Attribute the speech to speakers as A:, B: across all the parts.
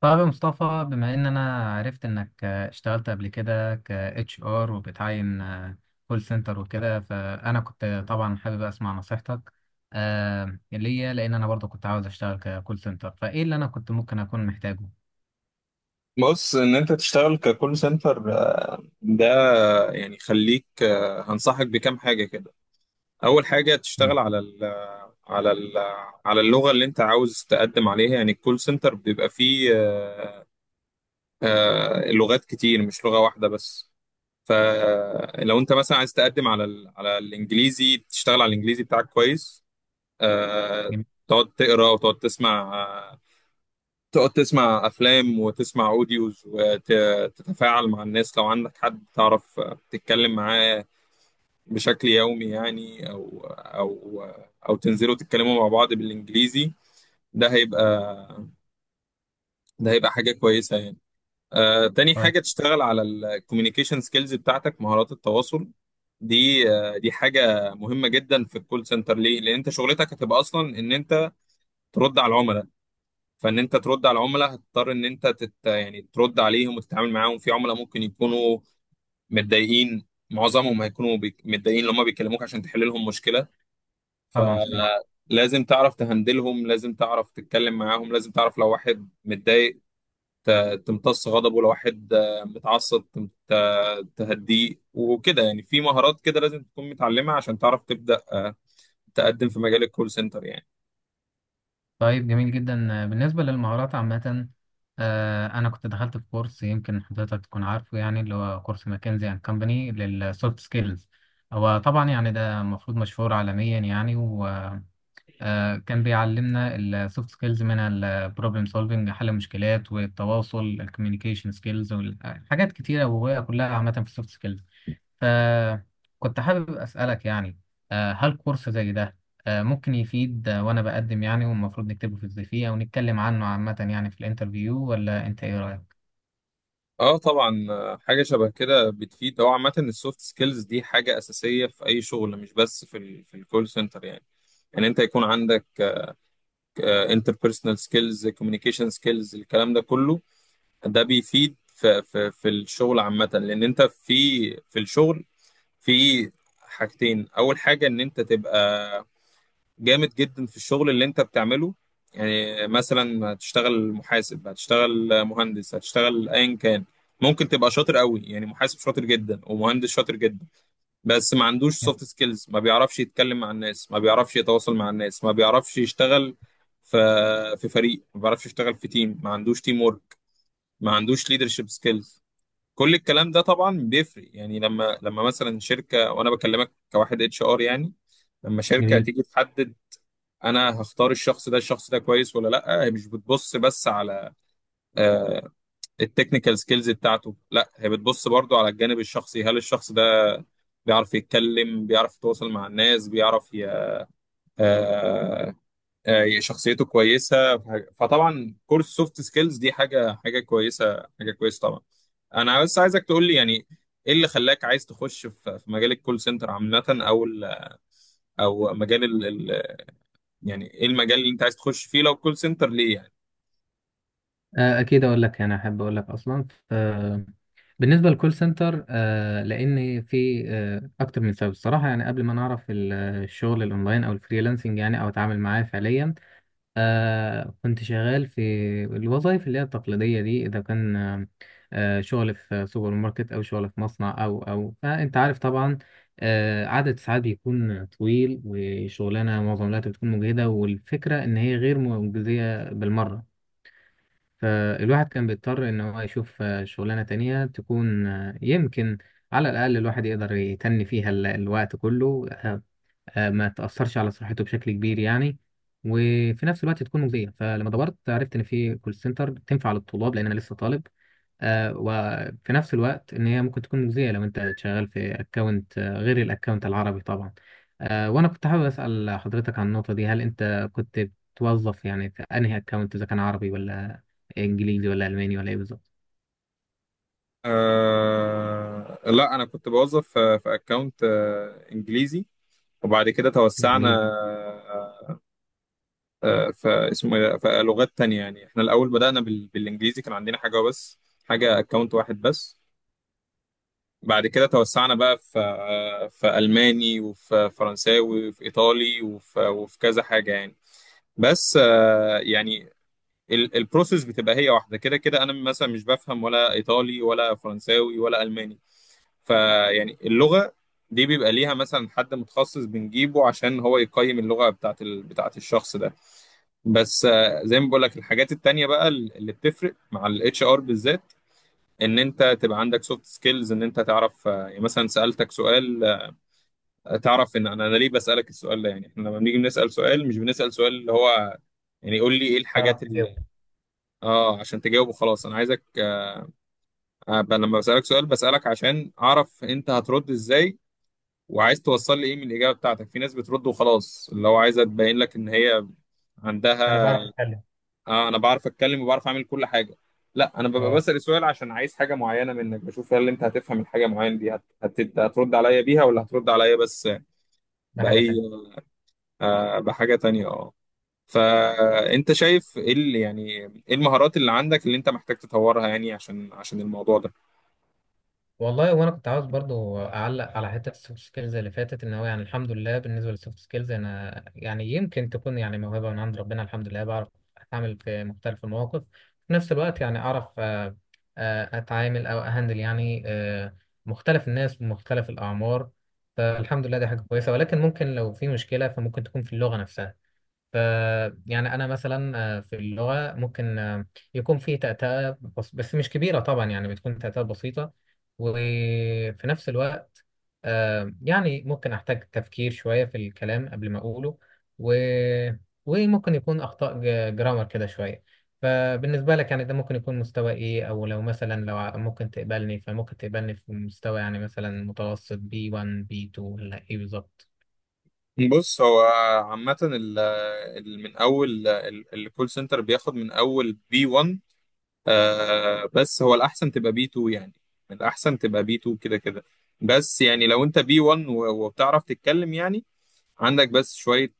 A: طيب يا مصطفى، بما ان انا عرفت انك اشتغلت قبل كده ك اتش ار وبتعين كول سنتر وكده، فانا كنت طبعا حابب اسمع نصيحتك ليا، لان انا برضو كنت عاوز اشتغل ككول سنتر، فايه اللي انا كنت ممكن اكون محتاجه.
B: بص، ان انت تشتغل ككول سنتر ده. يعني خليك، هنصحك بكام حاجه كده. اول حاجه
A: جميل.
B: تشتغل على ال على اللغه اللي انت عاوز تقدم عليها. يعني الكول سنتر بيبقى فيه لغات كتير، مش لغه واحده بس. فلو انت مثلا عايز تقدم على الانجليزي، تشتغل على الانجليزي بتاعك كويس. آه،
A: جميل.
B: تقعد تقرا، وتقعد تسمع، تقعد تسمع افلام، وتسمع اوديوز، وتتفاعل مع الناس. لو عندك حد تعرف، تتكلم معاه بشكل يومي يعني، او تنزلوا تتكلموا مع بعض بالانجليزي. ده هيبقى ده هيبقى حاجة كويسة يعني. تاني
A: طيب.
B: حاجة، تشتغل على الكوميونيكيشن سكيلز بتاعتك، مهارات التواصل. دي حاجة مهمة جدا في الكول سنتر. ليه؟ لأن أنت شغلتك هتبقى أصلا إن أنت ترد على العملاء. فان انت ترد على العملاء، هتضطر ان انت يعني ترد عليهم وتتعامل معاهم. في عملاء ممكن يكونوا متضايقين، معظمهم هيكونوا متضايقين لما بيكلموك عشان تحل لهم مشكله.
A: طبعا صحيح.
B: فلازم تعرف تهندلهم، لازم تعرف تتكلم معاهم، لازم تعرف لو واحد متضايق تمتص غضبه، لو واحد متعصب تهديه، وكده يعني. في مهارات كده لازم تكون متعلمها عشان تعرف تبدأ تقدم في مجال الكول سنتر يعني.
A: طيب جميل جدا. بالنسبة للمهارات عامة، أنا كنت دخلت في كورس يمكن حضرتك تكون عارفه، يعني اللي هو كورس ماكنزي أند كمباني للسوفت سكيلز. هو طبعا يعني ده المفروض مشهور عالميا يعني، وكان بيعلمنا السوفت سكيلز من البروبلم سولفنج، حل المشكلات، والتواصل الكوميونيكيشن سكيلز، وحاجات كتيرة وهي كلها عامة في السوفت سكيلز. فكنت حابب أسألك، يعني هل كورس زي ده ممكن يفيد، وأنا بقدم يعني، والمفروض نكتبه في الزي أو نتكلم عنه عامة يعني في الانترفيو، ولا أنت إيه رأيك؟
B: اه طبعا، حاجه شبه كده بتفيد. هو عامه السوفت سكيلز دي حاجه اساسيه في اي شغل، مش بس في الكول سنتر يعني. ان انت يكون عندك انتربيرسونال سكيلز، كوميونيكيشن سكيلز، الكلام ده كله ده بيفيد في الشغل عامه. لان انت في في الشغل، في حاجتين. اول حاجه ان انت تبقى جامد جدا في الشغل اللي انت بتعمله. يعني مثلا هتشتغل محاسب، هتشتغل مهندس، هتشتغل ايا كان، ممكن تبقى شاطر قوي، يعني محاسب شاطر جدا ومهندس شاطر جدا، بس ما عندوش سوفت سكيلز، ما بيعرفش يتكلم مع الناس، ما بيعرفش يتواصل مع الناس، ما بيعرفش يشتغل في في فريق، ما بيعرفش يشتغل في تيم، ما عندوش تيم ورك، ما عندوش ليدرشيب سكيلز. كل الكلام ده طبعا بيفرق. يعني لما مثلا شركة، وانا بكلمك كواحد اتش ار يعني، لما شركة
A: جميل.
B: تيجي تحدد انا هختار الشخص ده، الشخص ده كويس ولا لا، هي مش بتبص بس على آه، التكنيكال سكيلز بتاعته، لا هي بتبص برضو على الجانب الشخصي. هل الشخص ده بيعرف يتكلم، بيعرف يتواصل مع الناس، بيعرف ي... آه، آه، شخصيته كويسة، فطبعا كورس سوفت سكيلز دي حاجة كويسة، حاجة كويسة طبعا. انا بس عايزك تقول لي، يعني ايه اللي خلاك عايز تخش في مجال الكول سنتر عامة، او مجال ال- يعني، ايه المجال اللي انت عايز تخش فيه؟ لو كول سنتر، ليه يعني؟
A: اكيد اقول لك، يعني احب اقول لك اصلا. بالنسبه للكول سنتر، لان في اكتر من سبب الصراحه، يعني قبل ما نعرف الشغل الاونلاين او الفريلانسنج يعني، او اتعامل معاه فعليا، كنت شغال في الوظائف اللي هي التقليدية دي. إذا كان شغل في سوبر ماركت أو شغل في مصنع، أو فأنت عارف طبعا، عدد ساعات بيكون طويل، وشغلانة معظم الوقت بتكون مجهدة، والفكرة إن هي غير مجزية بالمرة. فالواحد كان بيضطر إن هو يشوف شغلانة تانية تكون، يمكن على الأقل الواحد يقدر يتني فيها الوقت كله، ما تأثرش على صحته بشكل كبير يعني، وفي نفس الوقت تكون مجزية. فلما دورت عرفت إن في كول سنتر تنفع للطلاب، لأن أنا لسه طالب، وفي نفس الوقت إن هي ممكن تكون مجزية لو أنت شغال في أكونت غير الأكونت العربي طبعا. وأنا كنت حابب أسأل حضرتك عن النقطة دي. هل أنت كنت بتوظف يعني في أنهي أكونت، إذا كان عربي ولا إنجليزي ولا ألماني ولا إيه بالظبط؟
B: لا، انا كنت بوظف في اكونت انجليزي، وبعد كده توسعنا.
A: جميل.
B: آه في، اسمه إيه ده؟ في لغات تانية يعني. احنا الاول بدأنا بالانجليزي، كان عندنا حاجة اكونت واحد بس. بعد كده توسعنا بقى في الماني، وفي فرنساوي، وفي ايطالي، وفي كذا حاجة يعني. بس يعني البروسيس بتبقى هي واحدة كده كده. انا مثلا مش بفهم ولا ايطالي ولا فرنساوي ولا الماني، فيعني اللغة دي بيبقى ليها مثلا حد متخصص بنجيبه عشان هو يقيم اللغة بتاعت الشخص ده. بس زي ما بقول لك، الحاجات التانية بقى اللي بتفرق مع الاتش ار بالذات، ان انت تبقى عندك سوفت سكيلز، ان انت تعرف، يعني مثلا سألتك سؤال، تعرف ان انا ليه بسألك السؤال ده. يعني احنا لما بنيجي بنسأل سؤال، مش بنسأل سؤال اللي هو يعني قول لي ايه
A: تعرف
B: الحاجات اللي،
A: تجاوب.
B: اه، عشان تجاوبه خلاص. انا عايزك، أبقى لما بسألك سؤال، بسألك عشان اعرف انت هترد ازاي، وعايز توصل لي ايه من الاجابه بتاعتك. في ناس بترد وخلاص، اللي هو عايزه تبين لك ان هي
A: انا
B: عندها،
A: بعرف اتكلم.
B: آه انا بعرف اتكلم وبعرف اعمل كل حاجه. لا، انا ببقى
A: اه.
B: بسال سؤال عشان عايز حاجه معينه منك، بشوف هل انت هتفهم الحاجه معينه دي، هترد عليا بيها، ولا هترد عليا بس
A: ده حاجه
B: باي.
A: تانية.
B: آه، بحاجه تانية، اه. فانت شايف ايه اللي يعني، ايه المهارات اللي عندك اللي انت محتاج تطورها يعني، عشان الموضوع ده؟
A: والله وانا كنت عاوز برضو اعلق على حته السوفت سكيلز اللي فاتت، ان هو يعني الحمد لله بالنسبه للسوفت سكيلز انا يعني، يمكن تكون يعني موهبه من عند ربنا، الحمد لله بعرف اتعامل في مختلف المواقف. في نفس الوقت يعني اعرف، اتعامل او اهندل يعني مختلف الناس ومختلف الاعمار. فالحمد لله دي حاجه كويسه، ولكن ممكن لو في مشكله فممكن تكون في اللغه نفسها. ف يعني انا مثلا في اللغه ممكن يكون في تأتأة، بس مش كبيره طبعا، يعني بتكون تأتأة بسيطه. وفي نفس الوقت يعني ممكن احتاج تفكير شويه في الكلام قبل ما اقوله، و... وممكن يكون اخطاء جرامر كده شويه. فبالنسبه لك يعني، ده ممكن يكون مستوى ايه؟ او لو مثلا لو ممكن تقبلني، فممكن تقبلني في مستوى يعني مثلا متوسط B1 B2، ولا ايه بالظبط؟
B: بص، هو عامه من اول الكول سنتر بياخد من اول B1، بس هو الأحسن تبقى B2 يعني، الأحسن تبقى B2 كده كده. بس يعني لو أنت B1 وبتعرف تتكلم يعني، عندك بس شوية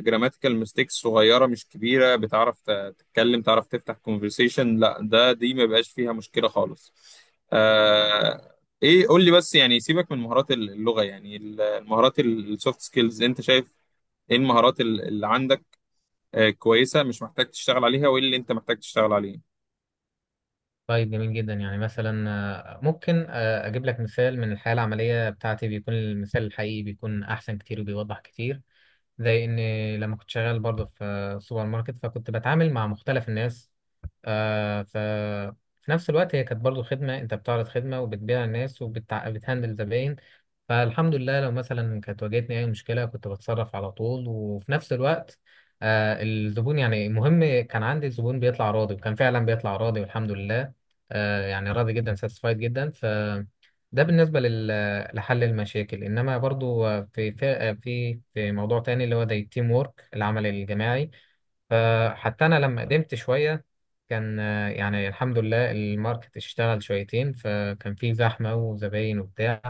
B: جراماتيكال ميستيكس صغيرة، مش كبيرة، بتعرف تتكلم، تعرف تفتح كونفرسيشن، لا دي ما بقاش فيها مشكلة خالص. آه إيه، قول لي بس، يعني سيبك من مهارات اللغة، يعني المهارات السوفت سكيلز، أنت شايف إيه المهارات اللي عندك كويسة مش محتاج تشتغل عليها، وإيه اللي أنت محتاج تشتغل عليه؟
A: طيب جميل جدا. يعني مثلا ممكن اجيب لك مثال من الحياه العمليه بتاعتي. بيكون المثال الحقيقي بيكون احسن كتير وبيوضح كتير. زي ان لما كنت شغال برضه في سوبر ماركت، فكنت بتعامل مع مختلف الناس، آه، ف في نفس الوقت هي كانت برضه خدمه، انت بتعرض خدمه وبتبيع الناس وبتهندل زباين. فالحمد لله لو مثلا كانت واجهتني اي مشكله كنت بتصرف على طول. وفي نفس الوقت الزبون، يعني المهم كان عندي الزبون بيطلع راضي، وكان فعلا بيطلع راضي والحمد لله، يعني راضي جدا، ساتسفايد جدا. ف ده بالنسبة لحل المشاكل. إنما برضو في موضوع تاني اللي هو زي التيم وورك، العمل الجماعي. فحتى أنا لما قدمت شوية، كان يعني الحمد لله الماركت اشتغل شويتين، فكان في زحمة وزباين وبتاع،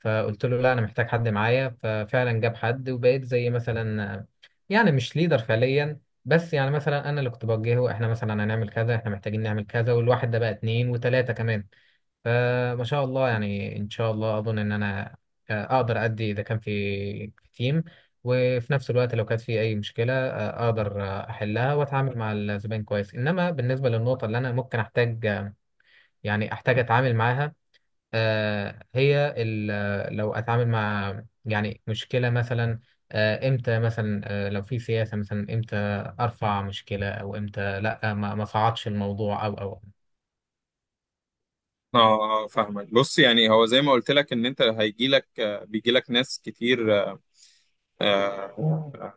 A: فقلت له لا انا محتاج حد معايا، ففعلا جاب حد، وبقيت زي مثلا يعني مش ليدر فعليا، بس يعني مثلا انا اللي كنت بوجهه، احنا مثلا هنعمل كذا، احنا محتاجين نعمل كذا، والواحد ده بقى اتنين وتلاتة كمان. فما شاء الله، يعني ان شاء الله اظن ان انا اقدر ادي اذا كان في تيم. وفي نفس الوقت لو كانت في اي مشكلة اقدر احلها واتعامل مع الزبائن كويس. انما بالنسبة للنقطة اللي انا ممكن احتاج يعني احتاج اتعامل معاها، هي لو اتعامل مع يعني مشكله مثلا، امتى مثلا، لو في سياسه مثلا، امتى ارفع مشكله او امتى لا، ما صعدش الموضوع، او.
B: اه اه، فاهمك. بص، يعني هو زي ما قلت لك، ان انت هيجي لك آه، بيجي لك ناس كتير، آه، آه،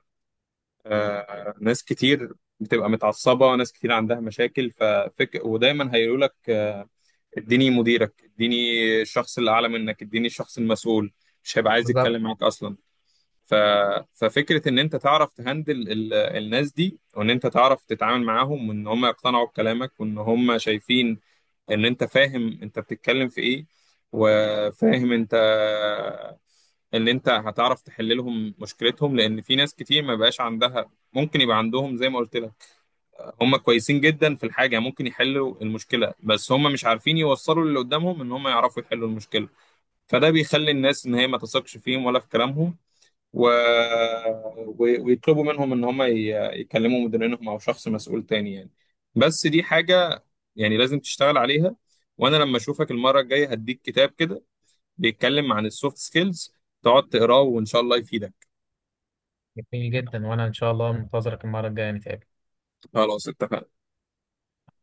B: ناس كتير بتبقى متعصبة، ناس كتير عندها مشاكل. ودايما هيقولوا لك، اديني مديرك، اديني الشخص اللي اعلى منك، اديني الشخص المسؤول، مش هيبقى عايز
A: بالظبط.
B: يتكلم معاك اصلا. ف... ففكرة ان انت تعرف تهندل الناس دي، وان انت تعرف تتعامل معاهم، وان هم يقتنعوا بكلامك، وان هم شايفين ان انت فاهم انت بتتكلم في ايه، وفاهم انت ان انت هتعرف تحل لهم مشكلتهم. لان في ناس كتير ما بقاش عندها، ممكن يبقى عندهم زي ما قلت لك، هم كويسين جدا في الحاجه، ممكن يحلوا المشكله، بس هم مش عارفين يوصلوا للي قدامهم ان هم يعرفوا يحلوا المشكله، فده بيخلي الناس ان هي ما تثقش فيهم ولا في كلامهم، و... ويطلبوا منهم ان هم يكلموا مديرينهم او شخص مسؤول تاني يعني. بس دي حاجة يعني لازم تشتغل عليها. وانا لما اشوفك المرة الجاية، هديك كتاب كده بيتكلم عن السوفت سكيلز، تقعد تقراه، وان شاء الله يفيدك.
A: جميل جدا، وانا ان شاء الله منتظرك المره الجايه نتقابل.
B: خلاص، اتفقنا.